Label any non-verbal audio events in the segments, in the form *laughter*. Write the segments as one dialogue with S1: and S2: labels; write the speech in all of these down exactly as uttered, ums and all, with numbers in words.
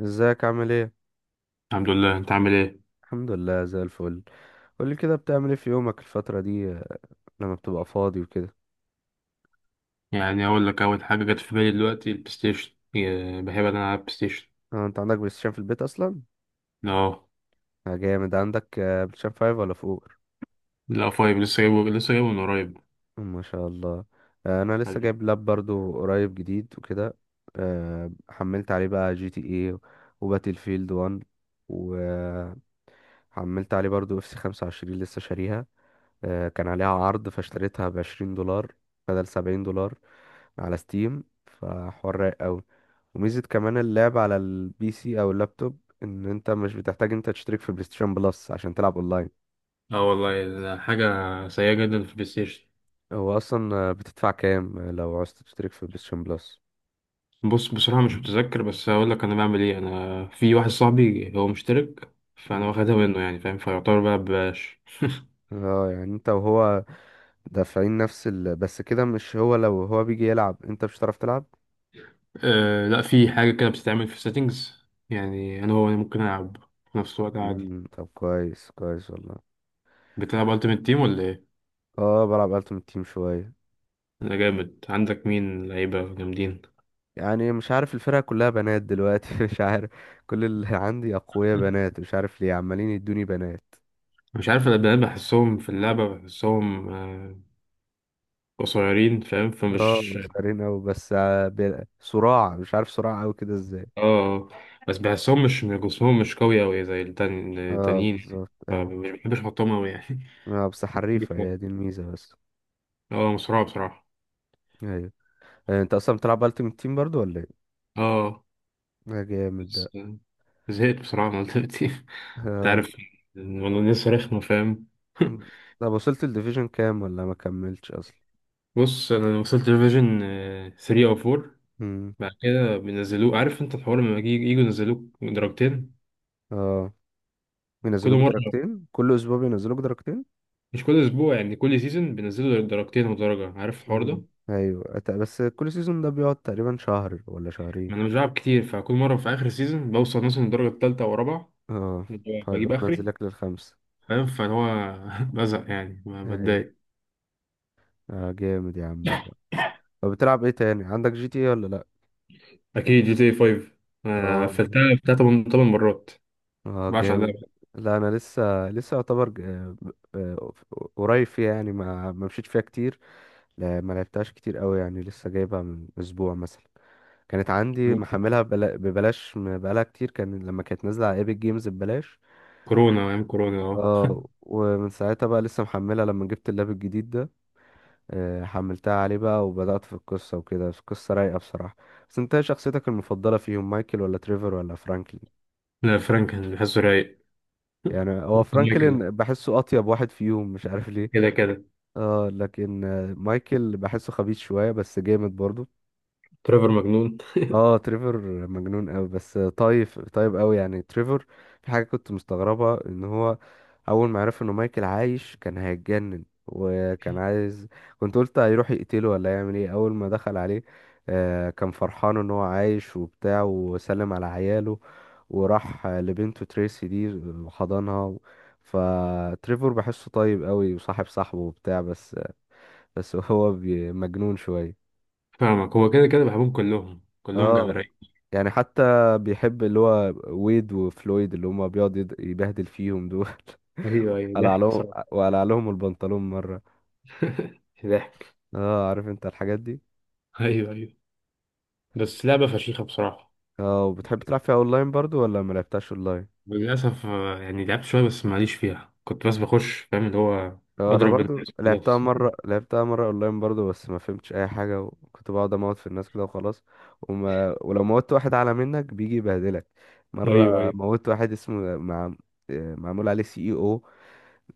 S1: ازيك؟ عامل ايه؟
S2: الحمد لله. انت عامل ايه؟
S1: الحمد لله زي الفل. قولي كده، بتعمل ايه في يومك الفترة دي؟ آه، لما بتبقى فاضي وكده؟
S2: يعني اقول لك اول حاجه جت في بالي دلوقتي البلاي ستيشن يا- بحب انا العب بلاي ستيشن.
S1: آه، انت عندك بلاي ستيشن في البيت اصلا؟
S2: اه.
S1: آه، جامد. عندك آه، بلاي ستيشن خمسة ولا فوق؟
S2: لا، فايف، لسه جايبه لسه جايبه من قريب.
S1: ما شاء الله. آه، انا لسه
S2: حبيبي.
S1: جايب لاب برضو قريب جديد وكده. آه، حملت عليه بقى جي تي اي وباتل فيلد واحد. وحملت عليه برضو اف سي خمسة وعشرين لسه شاريها. آه، كان عليها عرض فاشتريتها بعشرين دولار بدل سبعين دولار على ستيم، فحوار رايق أوي. وميزة كمان اللعب على البي سي أو اللابتوب إن أنت مش بتحتاج أنت تشترك في بلايستيشن بلس عشان تلعب أونلاين.
S2: اه والله، حاجه سيئه جدا في البلاي ستيشن.
S1: هو أصلا آه، بتدفع كام آه، لو عاوز تشترك في بلايستيشن بلس؟
S2: بص، بصراحه مش متذكر، بس هقول لك انا بعمل ايه. انا في واحد صاحبي هو مشترك، فانا
S1: مم.
S2: واخدها منه، يعني فاهم، فيعتبر بقى ببلاش.
S1: اه، يعني انت وهو دافعين نفس ال... بس كده، مش هو؟ لو هو بيجي يلعب انت مش هتعرف تلعب.
S2: أه لا، في حاجه كده بتتعمل في settings، يعني انا هو أنا ممكن العب في نفس الوقت عادي.
S1: مم، طب كويس كويس والله.
S2: بتلعب Ultimate Team ولا ايه؟
S1: اه، بلعب التيم تيم شوية.
S2: انا جامد. عندك مين لعيبه جامدين؟
S1: يعني مش عارف، الفرقة كلها بنات دلوقتي *laughs* مش عارف. كل اللي عندي أقوياء بنات، مش عارف ليه عمالين يدوني بنات.
S2: مش عارف، انا بقى بحسهم في اللعبة، بحسهم آه، قصيرين، فاهم،
S1: اه،
S2: فمش...
S1: صغيرين أوي، بس ع- بي- صراع مش عارف، صراع أوي كده ازاي.
S2: اه آه. بس بحسهم، مش جسمهم مش قوي أوي زي التان-
S1: اه،
S2: التانيين،
S1: بالظبط، أيوة.
S2: فمش بحبش احطهم أوي يعني.
S1: اه، بس
S2: *laughs*
S1: حريفة،
S2: ليك
S1: هي
S2: مرة؟
S1: دي الميزة بس.
S2: اه، مسرعة بصراحة.
S1: أيوة. آه، أنت أصلا بتلعب ألتيمت تيم برضو ولا ايه؟
S2: اه،
S1: ده جامد ده.
S2: بس آه، زهقت بصراحة من دلوقتي. *laughs* انت
S1: آه.
S2: عارف الموضوع لسه رخمة، فاهم. *laughs*
S1: م. طب وصلت الديفيجن كام ولا ما كملتش أصلا؟
S2: بص، انا وصلت لفيجن تلاتة او أربعة.
S1: مم.
S2: بعد كده بينزلوه، عارف انت الحوار لما يجي- يجوا ينزلوك درجتين.
S1: اه،
S2: كل
S1: بينزلوك
S2: مرة،
S1: درجتين كل أسبوع، بينزلوك درجتين.
S2: مش كل اسبوع، يعني كل سيزون بينزلوا درجتين ودرجه، عارف الحوار
S1: مم.
S2: ده.
S1: ايوه، أت- بس كل سيزون ده بيقعد تقريبا شهر ولا شهرين.
S2: ما انا مش بلعب كتير، فكل مره في اخر سيزون بوصل مثلا الدرجه الثالثه ورابعه،
S1: اه، فيقوم
S2: بجيب اخري،
S1: منزلك للخمسة.
S2: فاهم، فهو... *laughs* بزهق يعني، ما
S1: ايوه.
S2: بتضايق.
S1: اه، جامد يا عم والله. طب بتلعب ايه تاني؟ عندك جي تي ايه ولا لا؟
S2: اكيد جي تي خمسة، انا
S1: اه.
S2: قفلتها بتاع تمن تمن مرات،
S1: اه،
S2: ما بعرفش
S1: جامد.
S2: عليها
S1: لا، انا لسه لسه يعتبر ج- آه، آه، قريب فيها، يعني ما ما مشيت فيها كتير. لا، ما لعبتهاش كتير قوي، يعني لسه جايبها من اسبوع مثلا. كانت عندي
S2: بقى.
S1: محملها ببلا- ببلاش، م- بقالها كتير، كان لما كانت نازله على ايبك جيمز ببلاش.
S2: كورونا، ايام كورونا اهو.
S1: اه، ومن ساعتها بقى لسه محملها لما جبت اللاب الجديد ده. آه، حملتها عليه بقى وبدأت في القصة وكده، القصة رايقة بصراحة. بس انت ايه شخصيتك المفضلة فيهم؟ مايكل ولا تريفر ولا فرانكلين؟
S2: لا، فرانك كان بحسه رايق.
S1: يعني هو
S2: ممكن مايكل
S1: فرانكلين بحسه أطيب واحد فيهم، مش عارف ليه.
S2: كده كده.
S1: اه، لكن آه، مايكل بحسه خبيث شوية بس جامد برضه.
S2: تريفر مجنون.
S1: اه، تريفر مجنون قوي، بس طايف طيب قوي يعني تريفر. في حاجه كنت مستغربها، ان هو اول ما عرف انه مايكل عايش كان هيتجنن وكان عايز، كنت قلت هيروح يقتله ولا يعمل ايه اول ما دخل عليه. آه كان فرحان ان هو عايش وبتاع وسلم على عياله، وراح لبنته تريسي دي وحضنها. فتريفر بحسه طيب قوي وصاحب صاحبه وبتاع، بس بس هو بي- مجنون شويه.
S2: فاهمك، هو كده كده بحبهم كلهم، كلهم جامد
S1: اه،
S2: رايق.
S1: يعني حتى بيحب اللي هو ويد وفلويد، اللي هما بيقعد يد- يبهدل فيهم دول
S2: ايوه
S1: *laughs*
S2: ايوه،
S1: قلع
S2: ضحك
S1: لهم،
S2: صراحه.
S1: وقلع لهم البنطلون مرة.
S2: ضحك.
S1: اه، عارف انت الحاجات دي.
S2: ايوه ايوه. بس لعبه فشيخه بصراحه.
S1: اه، وبتحب تلعب فيها اونلاين برضو ولا ما لعبتهاش اونلاين؟
S2: للأسف آه، يعني لعبت شوية بس ماليش فيها، كنت بس بخش، فاهم اللي هو.
S1: اه، انا
S2: أضرب
S1: برضو
S2: الناس
S1: لعبتها
S2: وخلاص.
S1: مرة
S2: *laughs*
S1: لعبتها مرة اونلاين برضو، بس ما فهمتش اي حاجة وكنت بقعد اموت في الناس كده وخلاص. وما ولو موت واحد اعلى منك بيجي يبهدلك مرة.
S2: أيوه أيوه.
S1: موت واحد اسمه مع... آه، معمول عليه سي اي او،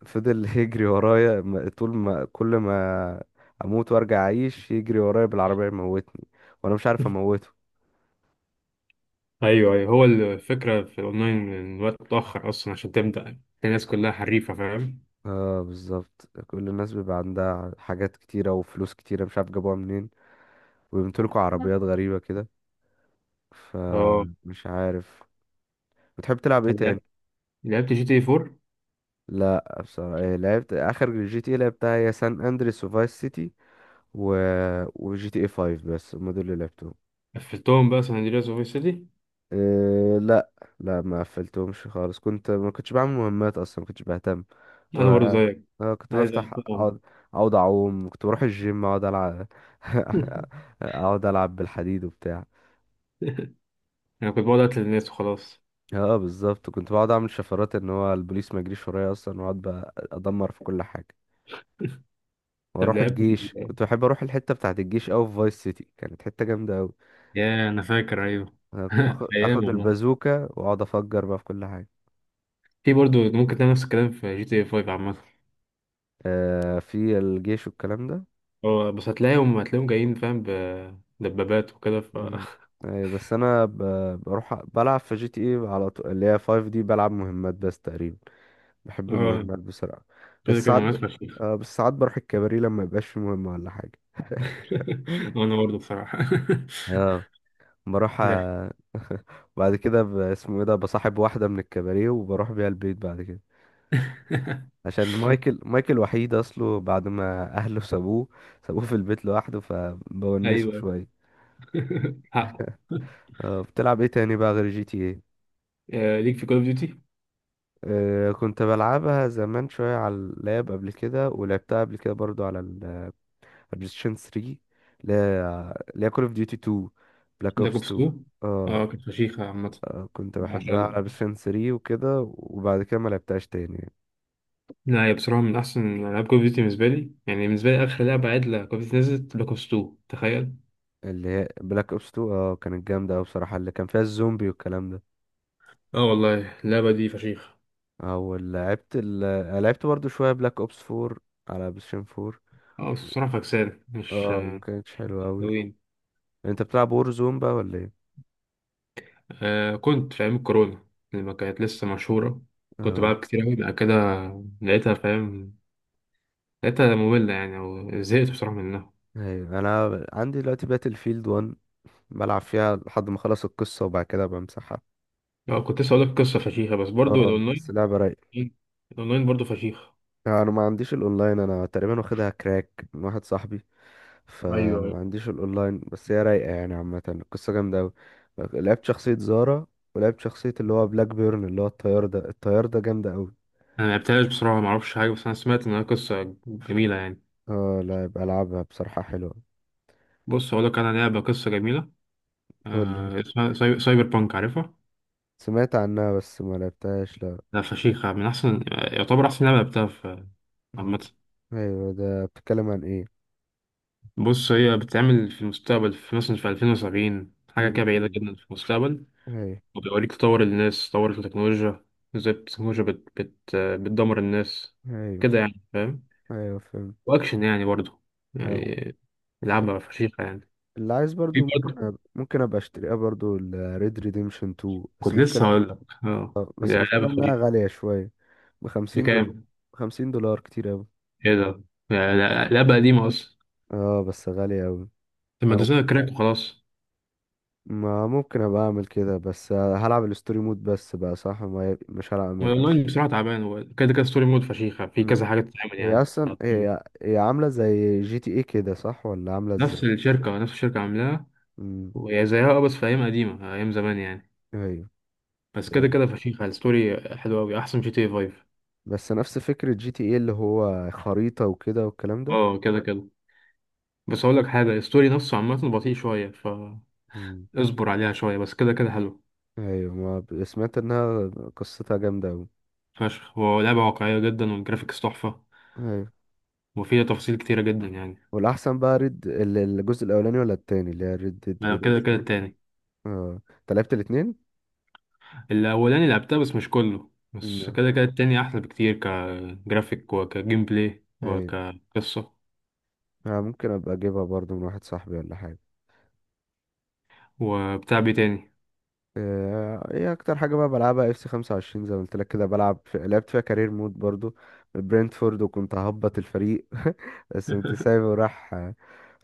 S1: فضل *laughs* يجري ورايا، م- طول ما، كل ما اموت وارجع اعيش يجري ورايا بالعربية يموتني، وانا مش عارف اموته.
S2: أيوه أيوه، هو الفكرة في الأونلاين إن الوقت متأخر أصلا، عشان تبدأ الناس كلها حريفة، فاهم.
S1: اه، بالظبط، كل الناس بيبقى عندها حاجات كتيرة وفلوس كتيرة مش عارف جابوها منين، وبيمتلكوا عربيات غريبة كده،
S2: اه،
S1: فمش عارف. بتحب تلعب ايه تاني؟
S2: لعبت لعبت جي تي أربعة.
S1: لا، بصراحة إيه، لعبت اخر جي تي إيه لعبتها هي سان اندريس وفايس سيتي و... وجي تي اي خمسة، بس هم دول اللي لعبتهم.
S2: قفلتهم بقى سان أندرياس وفيس سيتي.
S1: إيه؟ لا. لا، ما قفلتهمش خالص، كنت ما كنتش بعمل مهمات اصلا، ما كنتش بهتم، كنت
S2: أنا برضه
S1: بقى-
S2: زيك،
S1: آه، كنت
S2: عايز
S1: بفتح
S2: أقفلهم.
S1: اقعد اقعد اعوم، كنت بروح الجيم اقعد العب *laughs* اقعد العب بالحديد وبتاع.
S2: *laughs* أنا كنت بقعد أقتل الناس وخلاص.
S1: اه، بالظبط، كنت بقعد اعمل شفرات ان هو البوليس ما يجريش ورايا اصلا، واقعد بقى ادمر في كل حاجه.
S2: طب
S1: واروح
S2: لعبت...
S1: الجيش، كنت بحب اروح الحته بتاعه الجيش اوي في فايس سيتي، كانت حته جامده اوي.
S2: يا أنا فاكر. أيوه.
S1: أنا كنت
S2: *laughs*
S1: باخد-
S2: أيام
S1: اخد
S2: والله.
S1: البازوكه واقعد افجر بقى في كل حاجه.
S2: في برضه ممكن تعمل نفس الكلام في جي تي خمسة عامة.
S1: آه في الجيش والكلام ده.
S2: هو بس هتلاقيهم هتلاقيهم جايين، فاهم، بدبابات وكده ف...
S1: مم.
S2: *laughs*
S1: اي، بس انا ب... بروح بلعب في جي تي اي على طول اللي هي خمسة دي، بلعب مهمات بس تقريبا. بحب
S2: اه،
S1: المهمات بسرعة.
S2: كده
S1: بس
S2: كده
S1: ساعات ب...
S2: مناسبة فشيخ.
S1: آه بس ساعات بروح الكباري لما يبقاش في مهمة ولا حاجة
S2: *laughs*
S1: *laughs*
S2: وانا برضه بصراحة.
S1: اه، بروح
S2: *laughs* ضحك.
S1: آه، بعد كده ب... اسمه ايه ده، بصاحب واحدة من الكباري وبروح بيها البيت بعد كده.
S2: *laughs*
S1: عشان مايكل مايكل وحيد اصله، بعد ما اهله سابوه سابوه في البيت لوحده، فبونسه
S2: ايوه.
S1: شوية.
S2: *laughs* حقه.
S1: آه بتلعب ايه تاني بقى غير جي تي إيه؟
S2: آه، ليك في كول اوف ديوتي.
S1: آه، كنت بلعبها زمان شوية على اللاب قبل كده، ولعبتها قبل كده برضو على البلايستيشن ثلاثة، اللي هي اللي هي كول اوف ديوتي اتنين، بلاك
S2: بلاك
S1: اوبس
S2: اوبس
S1: اتنين.
S2: اتنين.
S1: اه.
S2: اه كانت فشيخة عامة.
S1: آه، كنت
S2: ما شاء
S1: بحبها على
S2: الله.
S1: بلايستيشن ثلاثة وكده، وبعد كده ما لعبتهاش تاني.
S2: لا، هي بصراحة من أحسن ألعاب كول أوف ديوتي بالنسبة لي، يعني بالنسبة لي آخر لعبة عدلة كول أوف ديوتي نزلت بلاك أوبس اتنين، تخيل.
S1: اللي هي بلاك اوبس اتنين، اه، كانت جامدة أوي بصراحة، اللي كان فيها الزومبي والكلام ده.
S2: اه والله اللعبة دي فشيخة.
S1: او لعبت ال... آه، لعبت برضو شوية بلاك اوبس اربعة على بلايستيشن اربعة.
S2: اه بس بصراحة فكسان مش
S1: اه، ما
S2: آه،
S1: كانتش حلوة أوي.
S2: حلوين.
S1: انت بتلعب وور زون بقى ولا ايه؟
S2: آه كنت في أيام الكورونا لما كانت لسه مشهورة، كنت
S1: اه،
S2: بلعب كتير أوي. بعد كده لقيتها، فاهم، لقيتها مملة يعني، أو زهقت بصراحة منها.
S1: ايوه، انا عندي دلوقتي باتل فيلد ون، بلعب فيها لحد ما اخلص القصه وبعد كده بمسحها.
S2: اه كنت لسه هقولك قصة فشيخة، بس برضو
S1: اه، بس
S2: الأونلاين...
S1: لعبه رايقه.
S2: إيه، الأونلاين برضو فشيخة.
S1: انا ما عنديش الاونلاين، انا تقريبا واخدها كراك من واحد صاحبي،
S2: اييوه ايوه.
S1: فما عنديش الاونلاين، بس هي رايقه يعني، عامه القصه جامده قوي. لعبت شخصيه زارا، ولعبت شخصيه اللي هو بلاك بيرن، اللي هو الطيار ده الطيار ده جامده قوي.
S2: أنا ملعبتهاش بصراحة، معرفش حاجة، بس أنا سمعت إنها قصة جميلة يعني.
S1: اه، لا، يبقى العبها بصراحه، حلوه.
S2: بص هقولك، أنا لعبة قصة جميلة،
S1: قول لي.
S2: آه اسمها ساي- سايبر بانك، عارفها؟
S1: سمعت عنها بس ما لعبتهاش، لا.
S2: لا، فشيخة، من أحسن، يعتبر أحسن لعبة لعبتها في
S1: مم.
S2: عامة.
S1: ايوه، ده بتتكلم عن ايه؟
S2: بص هي بتتعمل في المستقبل، في مثلا في ألفين و سبعين، حاجة كده بعيدة
S1: مم.
S2: جدا في المستقبل.
S1: ايوه.
S2: وبيوريك تطور الناس، تطور التكنولوجيا، ازاي التكنولوجيا بت بت بتدمر الناس
S1: ايوه،
S2: كده يعني، فاهم.
S1: ايوه فهمت.
S2: وأكشن يعني برضه
S1: أيوة.
S2: يعني، لعبة فشيخة يعني.
S1: اللي عايز برضو،
S2: في
S1: ممكن
S2: برضه،
S1: أ... ممكن ابقى اشتريها برضو ال Red Redemption اتنين، بس
S2: كنت لسه
S1: المشكلة.
S2: هقول لك، اه
S1: اه،
S2: دي
S1: بس
S2: لعبة
S1: المشكلة انها
S2: فشيخة.
S1: غالية شوية، بخمسين دولار.
S2: بكام؟
S1: بخمسين دولار كتير اوي.
S2: ايه ده؟ يعني لا- لعبة قديمة أصلا.
S1: اه، بس غالية اوي.
S2: طب ما
S1: أو-
S2: تنزلها كراك وخلاص.
S1: ما ممكن ابقى اعمل كده، بس هلعب الستوري مود بس بقى، صح، ما ي... مش هلعب ما يبقاش.
S2: والأونلاين بصراحة تعبان، هو كده كده ستوري مود فشيخة، في
S1: مم.
S2: كذا حاجة تتعمل
S1: هي
S2: يعني
S1: اصلا
S2: تعطيل.
S1: هي هي عاملة زي جي تي ايه كده، صح؟ ولا عاملة
S2: نفس
S1: ازاي؟
S2: الشركة، نفس الشركة عاملاها.
S1: مم.
S2: وهي زيها، اه بس في ايام قديمه، ايام زمان يعني.
S1: ايوه.
S2: بس
S1: آه،
S2: كده كده فشيخه، الستوري حلوه قوي، احسن جي تي اي خمسة.
S1: بس نفس فكرة جي تي ايه، اللي هو خريطة وكده والكلام ده.
S2: اه كده كده. بس اقول لك حاجه، الستوري نفسه عامه بطيء شويه، فاصبر
S1: مم.
S2: عليها شويه، بس كده كده حلو.
S1: ايوه، ما ب- سمعت انها قصتها جامده اوي.
S2: فشخ هو لعبه واقعيه جدا، والجرافيكس تحفه،
S1: ايوه،
S2: وفيها تفاصيل كتيره جدا يعني.
S1: والاحسن بقى ريد ال- الجزء الاولاني ولا التاني؟ اللي هي ريد ديد
S2: أنا كده كده
S1: ريديمشن.
S2: التاني.
S1: اه، انت لعبت الاتنين؟
S2: الاولاني لعبتها بس مش كله، بس
S1: مم.
S2: كده كده التاني احلى بكتير، كجرافيك وكجيم بلاي
S1: ايوه.
S2: وكقصه.
S1: آه، ممكن ابقى اجيبها برضو من واحد صاحبي ولا حاجه.
S2: وبتاع بيه تاني.
S1: آه، ايه اكتر حاجه بقى بلعبها؟ اف سي خمسة وعشرين، زي ما قلت لك كده، بلعب في... لعبت فيها كارير مود برضو. برينتفورد وكنت ههبط الفريق *laughs* بس كنت
S2: *laughs*
S1: سايبه وراح.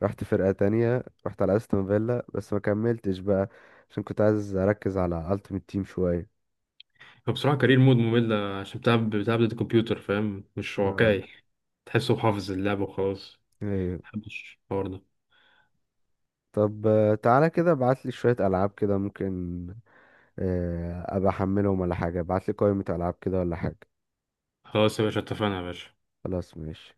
S1: رحت فرقه تانية، رحت على استون فيلا، بس ما كملتش بقى، عشان كنت عايز اركز على التيمت تيم شويه.
S2: فبصراحة كارير مود ممل، عشان بتلعب بتلعب ضد الكمبيوتر، فاهم، مش
S1: اه،
S2: واقعي. تحسه حافظ اللعبة وخلاص.
S1: ايوه.
S2: محبش الحوار ده.
S1: طب، آه، تعالى كده ابعت لي شوية ألعاب كده، ممكن. آه، ابقى احملهم ولا حاجة، ابعت لي قائمة ألعاب كده ولا حاجة.
S2: خلاص يا باشا، اتفقنا يا باشا.
S1: خلاص، ماشي.